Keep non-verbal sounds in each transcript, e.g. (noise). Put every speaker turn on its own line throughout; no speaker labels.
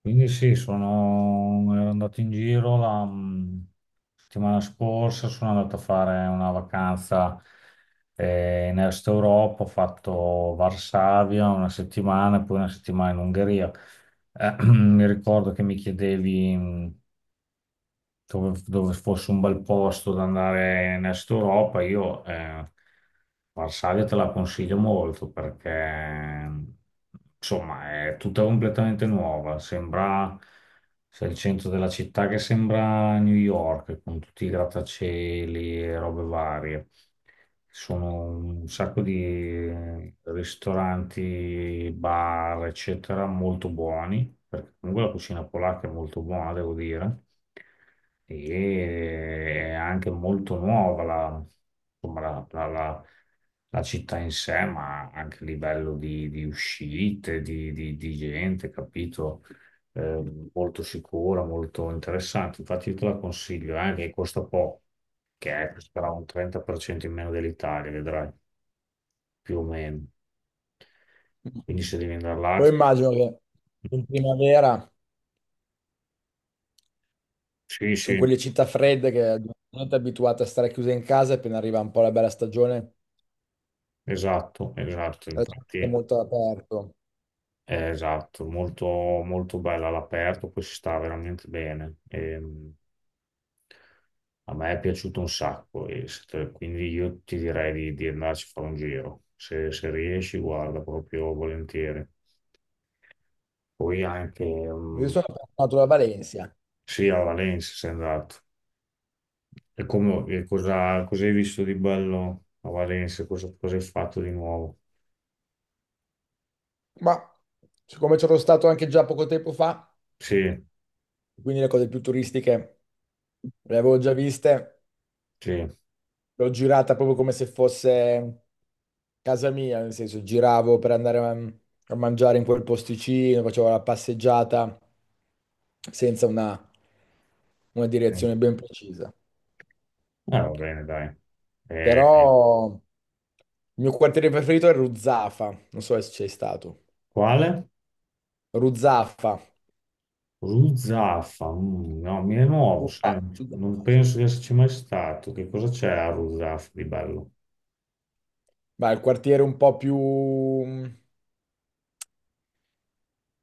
Quindi sì, sono, ero andato in giro la settimana scorsa, sono andato a fare una vacanza in Est Europa, ho fatto Varsavia una settimana e poi una settimana in Ungheria. (clears throat) Mi ricordo che mi chiedevi dove fosse un bel posto da andare in Est Europa, io Varsavia te la consiglio molto, perché insomma è tutta completamente nuova. Sembra, c'è il centro della città che sembra New York con tutti i grattacieli e robe varie. Ci sono un sacco di ristoranti, bar, eccetera, molto buoni, perché comunque la cucina polacca è molto buona, devo dire. E è anche molto nuova la, insomma, la città in sé, ma anche a livello di uscite, di, di gente, capito? Molto sicura, molto interessante. Infatti io te la consiglio, che costa poco, costerà un 30% in meno dell'Italia, vedrai, più o meno. Quindi se devi andare là.
Poi immagino che in primavera
Sì,
sono
sì,
quelle città fredde che non è abituate a stare chiuse in casa e appena arriva un po' la bella stagione
esatto, esatto,
la gente è
infatti.
molto aperto.
Esatto, molto, molto bella all'aperto, poi si sta veramente bene. A me è piaciuto un sacco, e se te- quindi io ti direi di andarci a fare un giro. Se riesci, guarda, proprio volentieri. Poi anche,
Io sono tornato da Valencia,
sì, a Valencia sei andato. E cosa hai visto di bello a Valencia? Cosa hai fatto di nuovo?
ma siccome c'ero stato anche già poco tempo fa,
Sì,
quindi le cose più turistiche le avevo già viste.
sì.
L'ho girata proprio come se fosse casa mia, nel senso giravo per andare a, a mangiare in quel posticino, facevo la passeggiata senza una, una
Sì.
direzione ben precisa.
Ah, va bene, dai. Eh,
Però il mio quartiere preferito è Ruzzafa, non so se c'è stato.
Quale?
Ruzzafa.
Rusaffa, no, mi è nuovo, sai, non
Ruzzafa, sì.
penso di esserci mai stato. Che cosa c'è a Rusaffa di bello?
Beh, il quartiere un po' più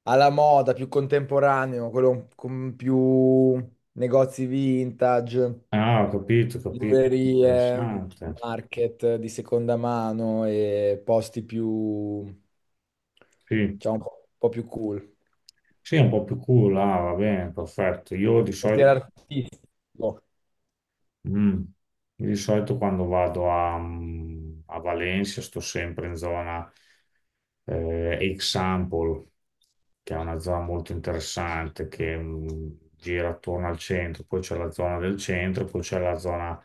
alla moda, più contemporaneo, quello con più negozi vintage.
Ah, ho capito,
Librerie,
interessante.
market di seconda mano e posti più,
Sì,
diciamo, un po' più cool.
sì, è un po' più cool, ah, va bene, perfetto.
Quartiere artistico.
Mm, io di solito quando vado a, a Valencia sto sempre in zona Example, che è una zona molto interessante, che gira attorno al centro. Poi c'è la zona del centro, poi c'è la zona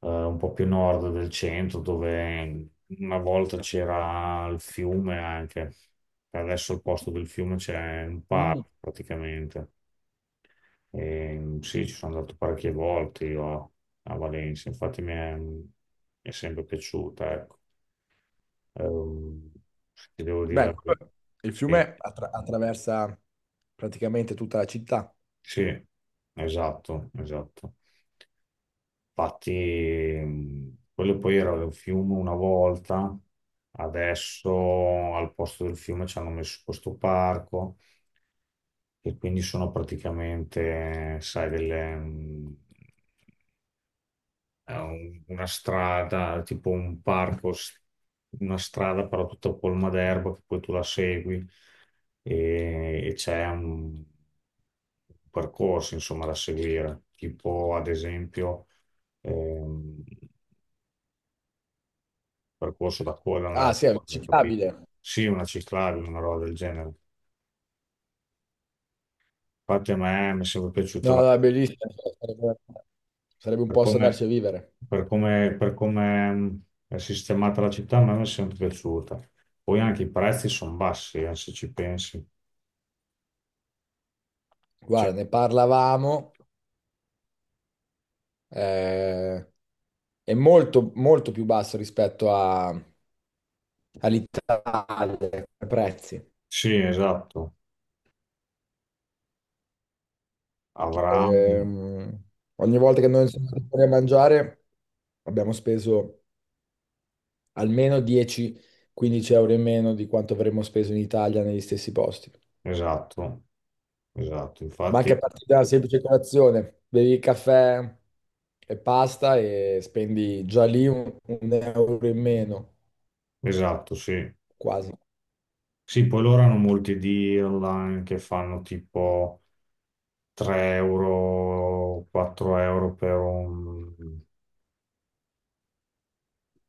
un po' più a nord del centro, dove una volta c'era il fiume anche. Adesso al posto del fiume c'è un
Mm.
parco praticamente. E, sì, ci sono andato parecchie volte io a Valencia, infatti mi è sempre piaciuta, ecco. Ehm, ti devo dire la
Beh,
verità.
il
Sì,
fiume attraversa praticamente tutta la città.
sì, esatto, esatto. Infatti, quello poi era un fiume una volta, adesso al posto del fiume ci hanno messo questo parco, e quindi sono praticamente, sai, delle, è una strada, tipo un parco, una strada però tutta colma d'erba, che poi tu la segui e c'è un percorso, insomma, da seguire, tipo ad esempio. Ehm, percorso da correre, andare
Ah,
a
sì, è
correre, capito?
visitabile.
Sì, una ciclabile, una roba del genere. Infatti a me mi è sempre piaciuta
No, no, è bellissimo. Sarebbe, sarebbe un
per
posto andarci
come,
a vivere.
per come, per come mh, è sistemata la città, a me mi è sempre piaciuta. Poi anche i prezzi sono bassi, se ci pensi. Cioè,
Guarda, ne parlavamo. eh, è molto, molto più basso all'Italia, come prezzi.
sì, esatto, avrà,
Ehm, Ogni volta che noi siamo andati fuori a mangiare abbiamo speso almeno 10-15 euro in meno di quanto avremmo speso in Italia negli stessi posti.
esatto, esatto,
Ma anche a
infatti,
partire da una semplice colazione, bevi il caffè e pasta e spendi già lì un euro in meno,
esatto, sì.
quasi.
Sì, poi loro hanno molti deal online che fanno tipo 3 euro, 4 euro per un,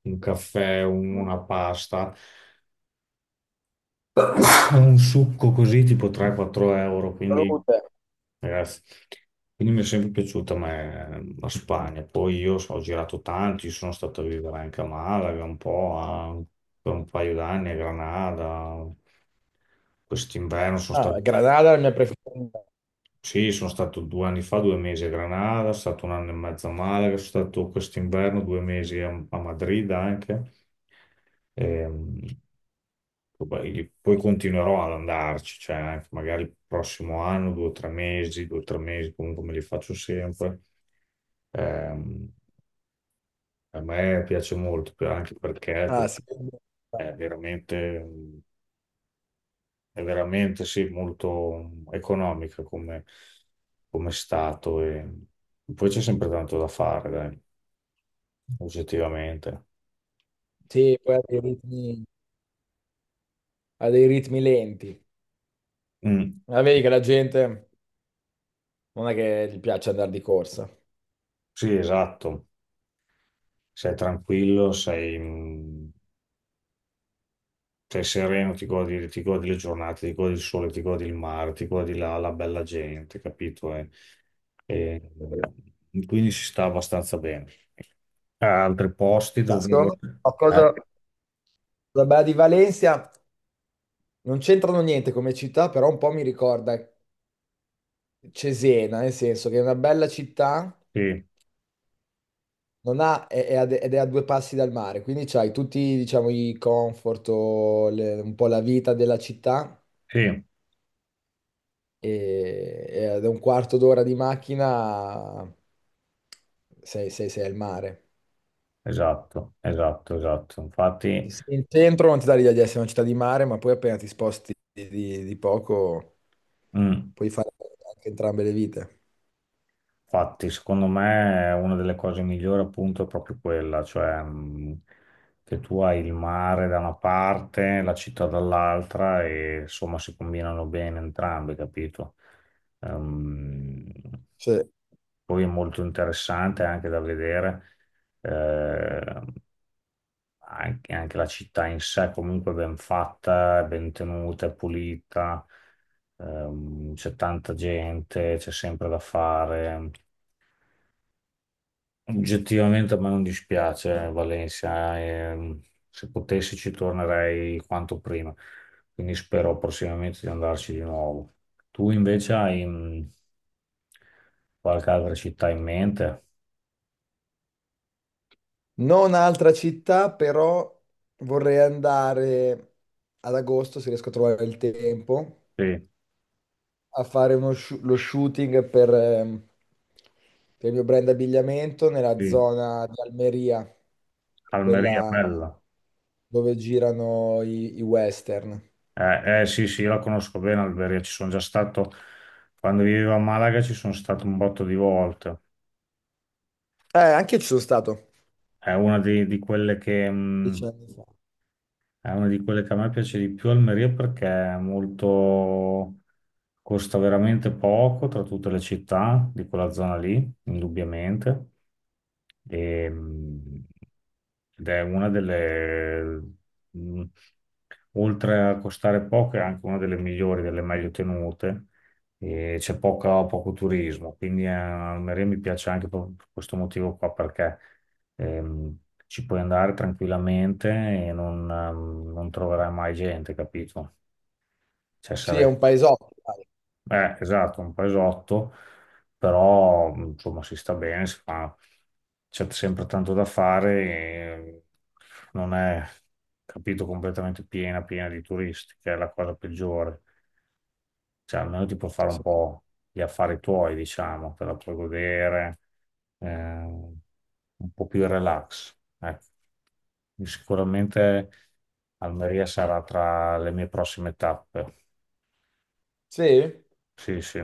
un caffè, una pasta, un succo così tipo 3-4 euro, quindi
Salute.
ragazzi, quindi mi è sempre piaciuta ma la Spagna. Poi io ho girato tanti, sono stato a vivere anche a Malaga un po', per un paio d'anni a Granada. Quest'inverno sono
Ah,
stato.
Granada è la mia preferita.
Sì, sono stato 2 anni fa, 2 mesi a Granada, sono stato un anno e mezzo a Malaga, sono stato quest'inverno 2 mesi a Madrid anche. Ehm, poi continuerò ad andarci, cioè anche magari il prossimo anno, 2 o 3 mesi, 2 o 3 mesi, comunque me li faccio sempre. Ehm, a me piace molto, anche perché
Ah, sì.
è veramente. È veramente, sì, molto economica come, come stato, e poi c'è sempre tanto da fare, dai, oggettivamente.
Sì, poi ha dei ritmi lenti.
Mm,
Ma vedi che la gente non è che gli piace andare di corsa.
sì, esatto. Sei tranquillo, sei sereno, ti godi le giornate, ti godi il sole, ti godi il mare, ti godi la bella gente, capito? E- quindi si sta abbastanza bene. A altri posti
No,
dove.
secondo me
Eh,
qualcosa la bella di Valencia non c'entrano niente come città, però un po' mi ricorda Cesena, nel senso che è una bella città,
sì,
non ha- è a de- ed è a due passi dal mare, quindi c'hai tutti, diciamo, i comfort, un po' la vita della città
sì,
e ad un quarto d'ora di macchina sei al mare.
esatto, esatto, esatto. Infatti.
Sì, il centro non ti dà l'idea di essere una città di mare, ma poi appena ti sposti di poco
Mm.
puoi fare anche entrambe le vite.
Infatti, secondo me una delle cose migliori appunto è proprio quella, cioè che tu hai il mare da una parte, la città dall'altra e insomma si combinano bene entrambi, capito? Ehm,
Cioè,
poi è molto interessante anche da vedere. Eh, anche la città in sé comunque ben fatta, ben tenuta, è pulita, c'è tanta gente, c'è sempre da fare. Oggettivamente a me non dispiace Valencia, se potessi ci tornerei quanto prima, quindi spero prossimamente di andarci di nuovo. Tu invece hai qualche altra città in mente?
non altra città, però vorrei andare ad agosto, se riesco a trovare il tempo,
Sì,
a fare lo shooting per il mio brand abbigliamento nella
sì,
zona di Almeria,
Almeria,
quella
bella.
dove girano i western.
Sì, sì, io la conosco bene Alberia, ci sono già stato, quando vivevo a Malaga ci sono stato un botto di volte.
Anche io ci sono stato.
È una di, di quelle che,
Dieci
mh,
anni fa.
è una di quelle che a me piace di più Almeria, perché costa veramente poco tra tutte le città di quella zona lì, indubbiamente. E, ed è una delle, mh, oltre a costare poco, è anche una delle migliori, delle meglio tenute. E c'è poco turismo, quindi Almeria mi piace anche per questo motivo qua, perché ehm, ci puoi andare tranquillamente e non troverai mai gente, capito? Cioè,
Sì, è
sarai
un paesotto, dai.
esatto, un paesotto, però insomma si sta bene, c'è sempre tanto da fare, e non è capito completamente piena, piena di turisti, che è la cosa peggiore. Cioè, almeno ti puoi fare un po' gli affari tuoi, diciamo, te la puoi godere, un po' più relax. Ecco. Sicuramente Almeria sarà tra le mie prossime tappe.
Sì?
Sì, sì.